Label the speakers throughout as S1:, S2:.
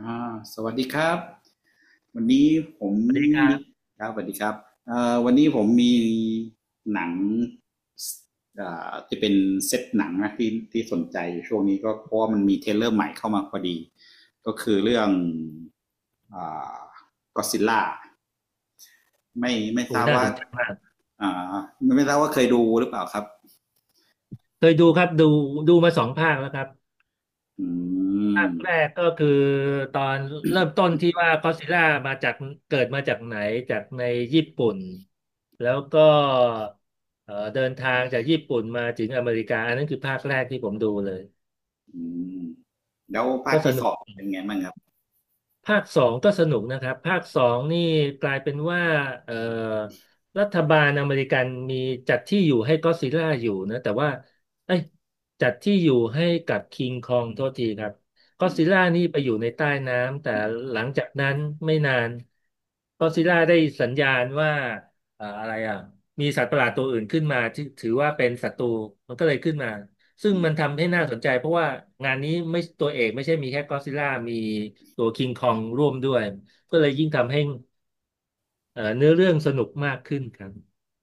S1: สวัสดีครับวันนี้ผม
S2: สวัสดีครั
S1: มี
S2: บ
S1: ครับสวัสดีครับวันนี้ผมมีหนังที่เป็นเซตหนังนะที่สนใจอยู่ช่วงนี้ก็เพราะว่ามันมีเทรลเลอร์ใหม่เข้ามาพอดีก็คือเรื่องอ่าก็ซิลล่าไม่
S2: โอ้
S1: ทราบ
S2: น่า
S1: ว่า
S2: สนใจมาก
S1: อ่าไม่ทราบว่าเคยดูหรือเปล่าครับ
S2: เคยดูครับดูมาสองภาคแล้วครับ
S1: อื
S2: ภา
S1: ม
S2: คแรกก็คือตอนเริ่มต้นที่ว่าก็อดซิลล่ามาจากเกิดมาจากไหนจากในญี่ปุ่นแล้วก็เดินทางจากญี่ปุ่นมาถึงอเมริกาอันนั้นคือภาคแรกที่ผมดูเลย
S1: อืมแล้วภา
S2: ก็
S1: ค
S2: ส
S1: ที่ส
S2: นุก
S1: องเป็นไงบ้างครับ
S2: ภาคสองก็สนุกนะครับภาคสองนี่กลายเป็นว่าเอ่อรัฐบาลอเมริกันมีจัดที่อยู่ให้ก็อดซิลล่าอยู่นะแต่ว่าเอ้ยจัดที่อยู่ให้กับคิงคองโทษทีครับก็อดซิลล่านี่ไปอยู่ในใต้น้ำแต่หลังจากนั้นไม่นานก็อดซิลล่าได้สัญญาณว่าอะไรอ่ะมีสัตว์ประหลาดตัวอื่นขึ้นมาที่ถือว่าเป็นศัตรูมันก็เลยขึ้นมา ซึ่งมันทำให้น่าสนใจเพราะว่างานนี้ไม่ตัวเอกไม่ใช่มีแค่ก็อดซิลล่ามีตัวคิงคองร่วมด้วยก็เลยยิ่งทำให้เนื้อเรื่องสนุกมากขึ้นครับ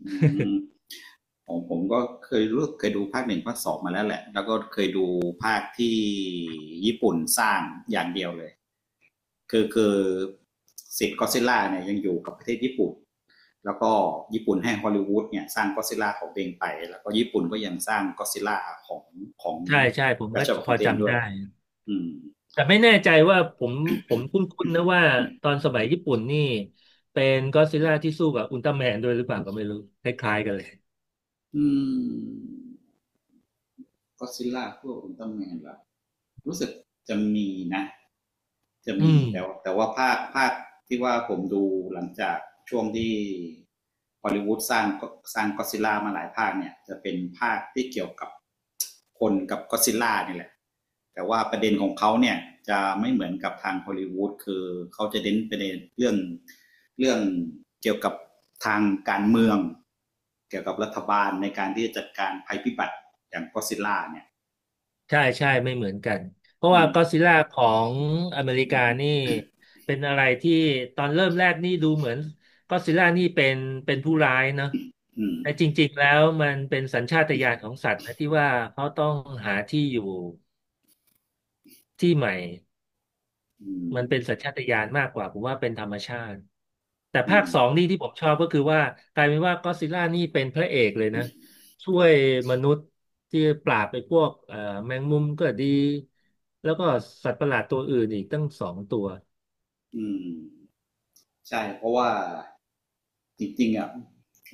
S1: อืม ผมก็เคยรู้เคยดูภาคหนึ่งภาคสองมาแล้วแหละแล้วก็เคยดูภาคที่ญี่ปุ่นสร้างอย่างเดียวเลยคือสิทธิ์ก็อดซิลล่าเนี่ยยังอยู่กับประเทศญี่ปุ่นแล้วก็ญี่ปุ่นให้ฮอลลีวูดเนี่ยสร้างก็อดซิลล่าของตัวเองไปแล้วก็ญี่ปุ่นก็ยังสร้างก็อดซิลล่าของของ
S2: ใช่ใช่ผม
S1: รั
S2: ก็
S1: ชบัล
S2: พ
S1: ขอ
S2: อ
S1: งตัวเอง
S2: จำ
S1: ด้วย
S2: ได้
S1: อืม
S2: แต่ไม่แน่ใจว่าผมคุ้นๆนะว่าตอนสมัยญี่ปุ่นนี่เป็นก็อดซิลล่าที่สู้กับอุลตร้าแมนด้วยหรือเปล่าก็ไม่รู้คล้ายๆกันเลย
S1: อืมก็อดซิลล่าพวกอุลตร้าแมนล่ะรู้สึกจะมีนะ จะ
S2: อื
S1: มี
S2: ม
S1: แต่ว่าภาคที่ว่าผมดูหลังจากช่วงที่ฮอลลีวูดสร้างก็อดซิลล่ามาหลายภาคเนี่ยจะเป็นภาคที่เกี่ยวกับคนกับก็อดซิลล่านี่แหละแต่ว่าประเด็นของเขาเนี่ยจะไม่เหมือนกับทางฮอลลีวูดคือเขาจะเน้นประเด็นเรื่องเกี่ยวกับทางการเมืองเกี่ยวกับรัฐบาลในการที่จะจัดการภัยพิบัติอย่างก็อดซิลล่าเนี่ย
S2: ใช่ใช่ไม่เหมือนกันเพราะ
S1: อื
S2: ว่า
S1: ม
S2: ก็ d z ซิล่าของอเมริกานี่เป็นอะไรที่ตอนเริ่มแรกนี่ดูเหมือนก็ d z ซิล่านี่เป็นผู้ร้ายเนอะ
S1: อืม
S2: แต่จริงๆแล้วมันเป็นสัญชาตญาณของสัตว์นะที่ว่าเขาต้องหาที่อยู่ที่ใหม่
S1: อื
S2: มันเป็นสัญ
S1: ม
S2: ชาตญาณมากกว่าผมว่าเป็นธรรมชาติ แต่
S1: อื
S2: ภาค
S1: ม
S2: สองนี่ที่ผมชอบก็คือว่ากลายเป็นว่าก็อดซิลล่านี่เป็นพระเอกเลยนะช่วยมนุษย์ที่ปราบไปพวกแมงมุมก็ดีแล้วก็สัตว์ประหลาดตัวอื่นอีกตั้งสองตัว
S1: อืม ใช่เพราะว่าจริงๆอ่ะ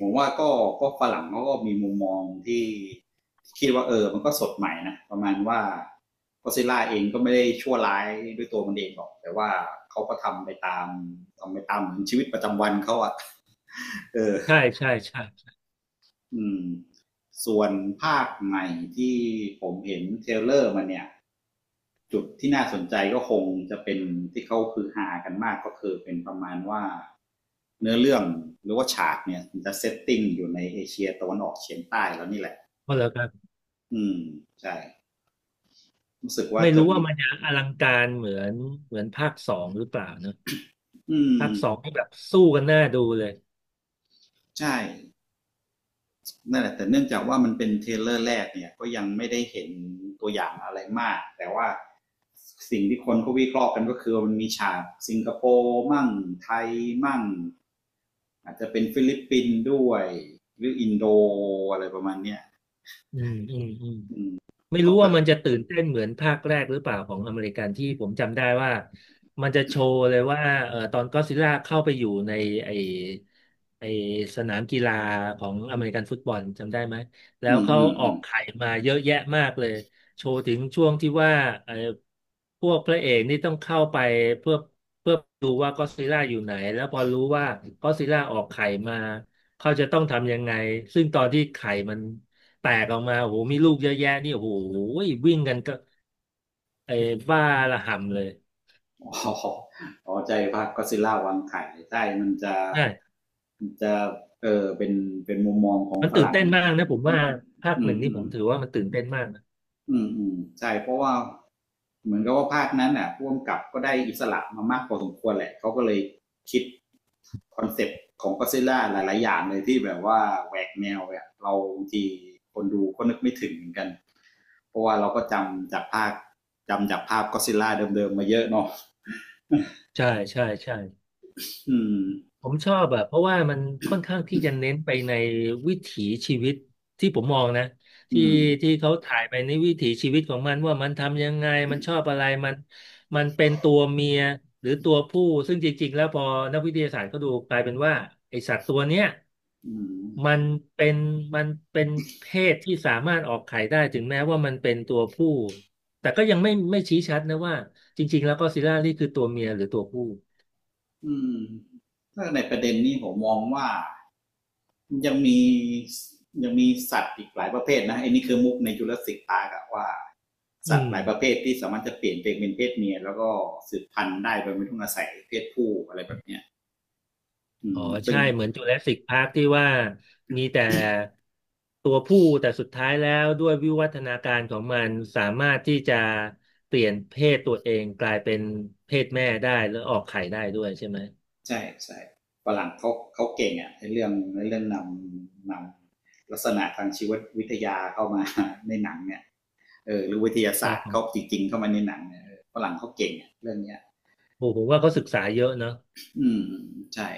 S1: ผมว่าก็ฝรั่งเขาก็มีมุมมองที่คิดว่าเออมันก็สดใหม่นะประมาณว่าก็ซิล่าเองก็ไม่ได้ชั่วร้ายด้วยตัวมันเองหรอกแต่ว่าเขาก็ทำไปตามเหมือนชีวิตประจำวันเขาอ่ะ เออ
S2: ใช่ใช่ใช่
S1: อืมส่วนภาคใหม่ที่ผมเห็นเทรลเลอร์มันเนี่ยจุดที่น่าสนใจก็คงจะเป็นที่เขาคือหากันมากก็คือเป็นประมาณว่า เนื้อเรื่องหรือว่าฉากเนี่ยมันจะเซตติ้งอยู่ในเอเชียตะวันออกเฉียงใต้แล้วนี่แหละ
S2: เพราะแล้วครับ
S1: อืมใช่รู้สึกว่า
S2: ไม่
S1: จะ
S2: รู้ว่า
S1: มี
S2: มันจะอลังการเหมือนเหมือนภาคสองหรือเปล่าเนอะ
S1: อื
S2: ภา
S1: ม
S2: คสองนี่แบบสู้กันหน้าดูเลย
S1: ใช่นั่นแหละแต่เนื่องจากว่ามันเป็นเทรลเลอร์แรกเนี่ยก็ยังไม่ได้เห็นตัวอย่างอะไรมากแต่ว่าสิ่งที่คนเขาวิเคราะห์กันก็คือมันมีฉากสิงคโปร์มั่งไทยมั่งอาจจะเป็นฟิลิปปินส์ด้วยหรืออินโดอะไรประมาณเนี้ย
S2: อืมอืมอืม ไม่
S1: ก็
S2: รู้
S1: แบ
S2: ว่า
S1: บ
S2: มันจะตื่นเต้นเหมือนภาคแรกหรือเปล่าของอเมริกันที่ผมจำได้ว่ามันจะโชว์เลยว่าตอนก็อดซิลล่าเข้าไปอยู่ในไอไอสนามกีฬาของอเมริกันฟุตบอลจำได้ไหมแล้
S1: อื
S2: ว
S1: ม
S2: เขา
S1: อืม
S2: ออ
S1: อื
S2: ก
S1: ม
S2: ไข่มาเยอะแยะมากเลยโชว์ถึงช่วงที่ว่าเอ่อพวกพระเอกนี่ต้องเข้าไปเพื่อเพื่อดูว่าก็อดซิลล่าอยู่ไหนแล้วพอรู้ว่าก็อดซิลล่าออกไข่มาเขาจะต้องทำยังไงซึ่งตอนที่ไข่มัน แตกออกมาโอ้โหมีลูกเยอะแยะนี่โอ้โหวิ่งกันก็ไอ้บ้าระห่ำเลย
S1: อ๋อใจภาคก็อดซิลล่าวางไข่ใช่ มันจะ
S2: ใช่
S1: มันจะเออเป็นมุมมองของ
S2: มัน
S1: ฝ
S2: ตื่น
S1: รั่ง
S2: เต้นมากนะผมว่าภาค
S1: อื
S2: ห
S1: ม
S2: นึ่งนี่
S1: อื
S2: ผ
S1: ม
S2: มถือว่ามันตื่นเต้นมากนะ
S1: อืมอืมอืมใช่ เพราะว่าเหมือนกับว่าภาคนั้นน่ะพ่วงกับก็ได้อิสระมามากพอสมควรแหละ เขาก็เลยคิดคอนเซปต์ของก็อดซิลล่าหลายๆ อย่างเลยที่แบบว่าแหวกแนวเนี่ยเราบางทีคนดูก็นึกไม่ถึงเหมือนกันเพราะว่าเราก็จำจากภาคจำจากภาพก็อดซิลล่าเดิมๆ มาเยอะเนาะ
S2: ใช่ใช่ใช่
S1: อืม
S2: ผมชอบอะเพราะว่ามันค่อนข้างที่จะเน้นไปในวิถีชีวิตที่ผมมองนะ
S1: อื
S2: ที่
S1: ม
S2: ที่เขาถ่ายไปในวิถีชีวิตของมันว่ามันทำยังไงมันชอบอะไรมันมันเป็นตัวเมียหรือตัวผู้ซึ่งจริงๆแล้วพอนักวิทยาศาสตร์เขาดูกลายเป็นว่าไอสัตว์ตัวเนี้ย
S1: อืม
S2: มันเป็นมันเป็นเพศที่สามารถออกไข่ได้ถึงแม้ว่ามันเป็นตัวผู้แต่ก็ยังไม่ชี้ชัดนะว่าจริงๆแล้วก็ซิลล่านี่คือตัวเมียหรือตัวผู้
S1: อืมถ้าในประเด็นนี้ผมมองว่ายังมียังมีสัตว์อีกหลายประเภทนะไอ้นี่คือมุกในจุลศิษย์ตากะว่า
S2: อื
S1: สัตว์
S2: ม
S1: หลายประเภทที่สามารถจะเปลี่ยนตัวเองเป็นเพศเมียแล้วก็สืบพันธุ์ได้โดยไม่ต้องอาศัยเพศผู้อะไรแบบเนี้ยอื
S2: อ๋อ
S1: มซึ่
S2: ใช่
S1: ง
S2: เหมือนจูราสสิกพาร์คที่ว่ามีแต่ ตัวผู้แต่สุดท้ายแล้วด้วยวิวัฒนาการของมันสามารถที่จะเปลี่ยนเพศตัวเองกลายเป็นเพศแม่ได้แล้วออกไข่ได้ด้วยใช่ไหม
S1: ใช่ใช่ฝรั่งเขาเก่งอะในเรื่องนำนำลักษณะทางชีววิทยาเข้ามาในหนังเนี่ยเออหรือวิทยา
S2: ค
S1: ศา
S2: รั
S1: ส
S2: บ
S1: ตร์
S2: ผ
S1: เขา
S2: ม
S1: จริงๆเข้ามาในหนังเนี่ยฝรั่งเขาเก่งอะเรื่องเนี้ย
S2: โอ้ผมว่าเขาศึกษาเยอะเนอะ
S1: อืมใช่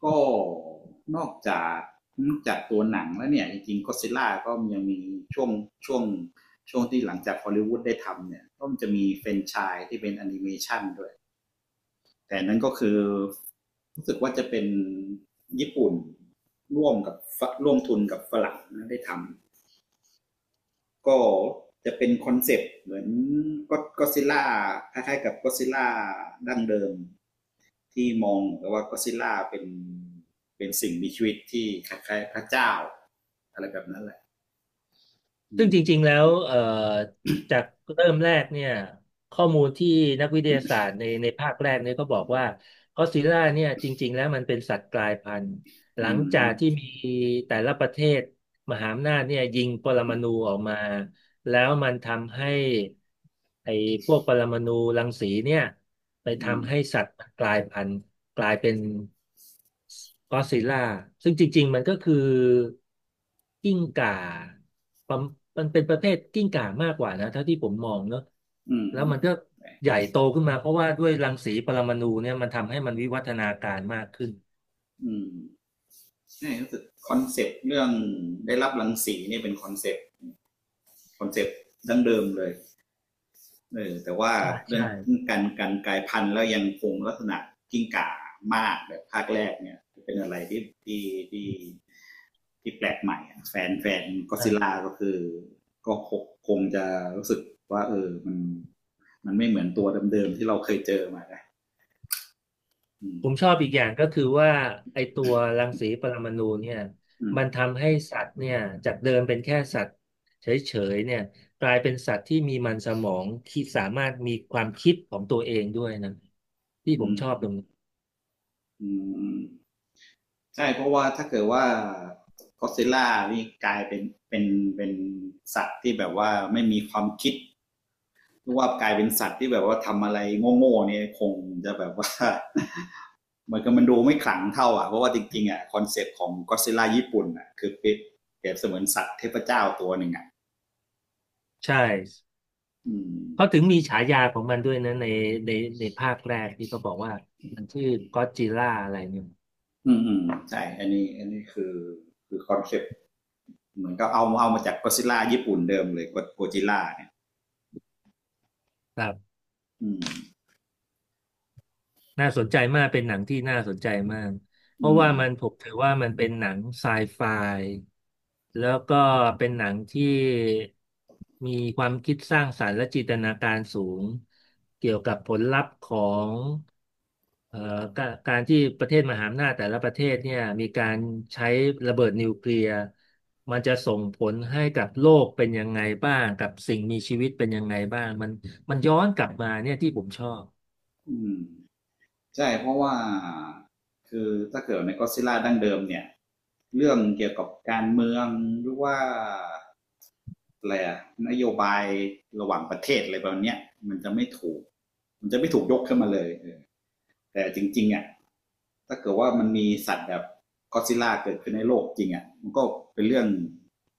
S1: ก็นอกจากนอกจากตัวหนังแล้วเนี่ยจริงๆก็ซิล่าก็ยังมีช่วงช่วงช่วงที่หลังจากฮอลลีวูดได้ทำเนี่ยก็มันจะมีเฟรนไชายที่เป็นแอนิเมชันด้วยแต่นั้นก็คือรู้สึกว่าจะเป็นญี่ปุ่นร่วมกับร่วมทุนกับฝรั่งนะได้ทำ ก็จะเป็นคอนเซปต์เหมือนก็ซิลล่าคล้ายๆกับก็อดซิลล่าดั้งเดิมที่มองกับว่าก็อดซิลล่าเป็นสิ่งมีชีวิตที่คล้ายๆพระเจ้าอะไรแบบนั้นแหละอื
S2: ซึ่งจริงๆ
S1: ม
S2: แล้วจากเริ่มแรกเนี่ยข้อมูลที่นักวิทยาศาสตร์ในภาคแรกเนี่ยก็บอกว่าก็อดซิลล่าเนี่ยจริงๆแล้วมันเป็นสัตว์กลายพันธุ์หลั
S1: อื
S2: ง
S1: ม
S2: จากที่มีแต่ละประเทศมหาอำนาจเนี่ยยิงปรมาณูออกมาแล้วมันทำให้ไอ้พวกปรมาณูรังสีเนี่ยไป
S1: อืม
S2: ทำให้สัตว์มันกลายพันธุ์กลายเป็น ก็อดซิลล่าซึ่งจริงๆมันก็คือกิ้งก่าประมมันเป็นประเภทกิ้งก่ามากกว่านะเท่าที่ผมมองเนอะ
S1: อืม
S2: แล้ว
S1: อืม
S2: มันก็ใหญ่โตขึ้นมาเพราะว่าด้วยรังสีปรมาณูเนี่ยมันทำให้มันวิวัฒนาการมากขึ้น
S1: อืมใช่รู้สึกคอนเซปต์เรื่องได้รับรังสีนี่เป็นคอนเซปต์ดั้งเดิมเลย เออแต่ว่า
S2: ใช่
S1: เรื่อ
S2: ใช่
S1: งการกลายพันธุ์แล้วยังคงลักษณะกิ้งก่ามากแบบภาคแรกเนี่ยเป็นอะไรที่ที่แปลกใหม่แฟนก็ซิล
S2: เออ
S1: ล่าก็คือก็คงจะรู้สึกว่าเออมันไม่เหมือนตัวเดิมๆที่เราเคยเจอมานะอื
S2: ผมช
S1: ม
S2: อบอีกอย่างก็คือว่าไอตัวรังสีปรมาณูเนี่ย
S1: อืม
S2: มันทำให้สัตว์เนี่ยจากเดิมเป็นแค่สัตว์เฉยๆเนี่ยกลายเป็นสัตว์ที่มีมันสมองคิดสามารถมีความคิดของตัวเองด้วยนะที่
S1: อื
S2: ผมช
S1: ม
S2: อบตรงนี้
S1: อืมใช่เพราะว่าถ้าเกิดว่าก็ซิลล่านี่กลายเป็นเป็นเป็นสัตว์ที่แบบว่าไม่มีความคิด เพราะว่ากลายเป็นสัตว์ที่แบบว่าทำอะไรโง่ๆเนี่ยคงจะแบบว่า เหมือนกับมันดูไม่ขลังเท่าอ่ะเพราะว่าจริงๆอ่ะคอนเซปต์ของก็ d z ิลล่าญี่ปุ่นอ่ะคือเป็นแบเบเสมือนสัตว์เทพเจ้าตัวหนึ่งอ่ะ
S2: ใช่
S1: อืม
S2: เขาถึงมีฉายาของมันด้วยนะในในในภาคแรกที่เขาบอกว่ามันชื่อก็อดจิลล่าอะไรเนี่ย
S1: อืมอืมใช่อันนี้คือคือคอนเซปต์เหมือนก็เอามาจากก็ d z ิลล่าญี่ปุ่นเดิมเลยโกจิล่าเนี่ย
S2: ครับ
S1: อืม
S2: น่าสนใจมากเป็นหนังที่น่าสนใจมากเพ
S1: อื
S2: ราะ
S1: ม
S2: ว่ามันผมถือว่ามันเป็นหนังไซไฟแล้วก็เป็นหนังที่มีความคิดสร้างสรรค์และจินตนาการสูงเกี่ยวกับผลลัพธ์ของเอ่อการที่ประเทศมหาอำนาจแต่ละประเทศเนี่ยมีการใช้ระเบิดนิวเคลียร์มันจะส่งผลให้กับโลกเป็นยังไงบ้างกับสิ่งมีชีวิตเป็นยังไงบ้างมันมันย้อนกลับมาเนี่ยที่ผมชอบ
S1: อืมใช่เพราะว่าคือถ้าเกิดในก็ d z ิลล่าดั้งเดิมเนี่ยเรื่องเกี่ยวกับการเมืองหรือว่า อะไรอะนโยบายระหว่างประเทศอะไรแบบมเนี้ยมันจะไม่ถูกมันจะไม่ถูกยกขึ้นมาเลยแต่จริงๆอ่ะถ้าเกิดว่ามันมีสัตว์แบบก็อดซิลล่าเกิดขึ้นในโลกจริงอ่ะมันก็เป็นเรื่อง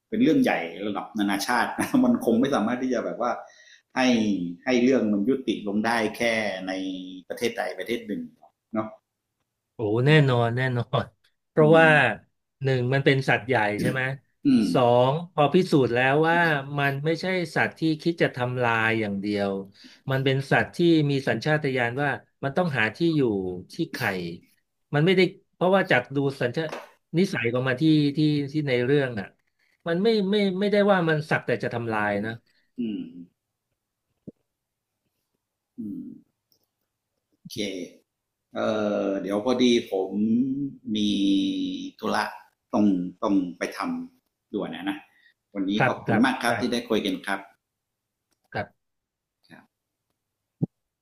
S1: เป็นเรื่องใหญ่ระดับนานาชาติ นะมันคงไม่สามารถที่จะแบบว่าให้ให้เรื่องมันยุติลงได้แค่ในประเทศใดประเทศหนึ่งเนาะ
S2: โอ้แน่นอนแน่นอน เพ
S1: อื
S2: ราะ
S1: ม
S2: ว่าหนึ่งมันเป็นสัตว์ใหญ่ใช่ไหม
S1: อืม
S2: สองพอพิสูจน์แล้วว่ามันไม่ใช่สัตว์ที่คิดจะทำลายอย่างเดียวมันเป็นสัตว์ที่มีสัญชาตญาณว่ามันต้องหาที่อยู่ที่ไข่มันไม่ได้เพราะว่าจากดูสัญชานิสัยของมันที่ที่ในเรื่องอ่ะมันไม่ได้ว่ามันสักแต่จะทำลายนะ
S1: อืมอืมโอเค เออเดี๋ยวพอดีผมมีธุระต้องต้องไปทำด่วนนะนะวันนี้
S2: ครั
S1: ข
S2: บ
S1: อบ
S2: ค
S1: คุณ
S2: รับ
S1: มากครับ
S2: ใช่
S1: ที่ได้คุยกันครับ
S2: ครับ
S1: ครับ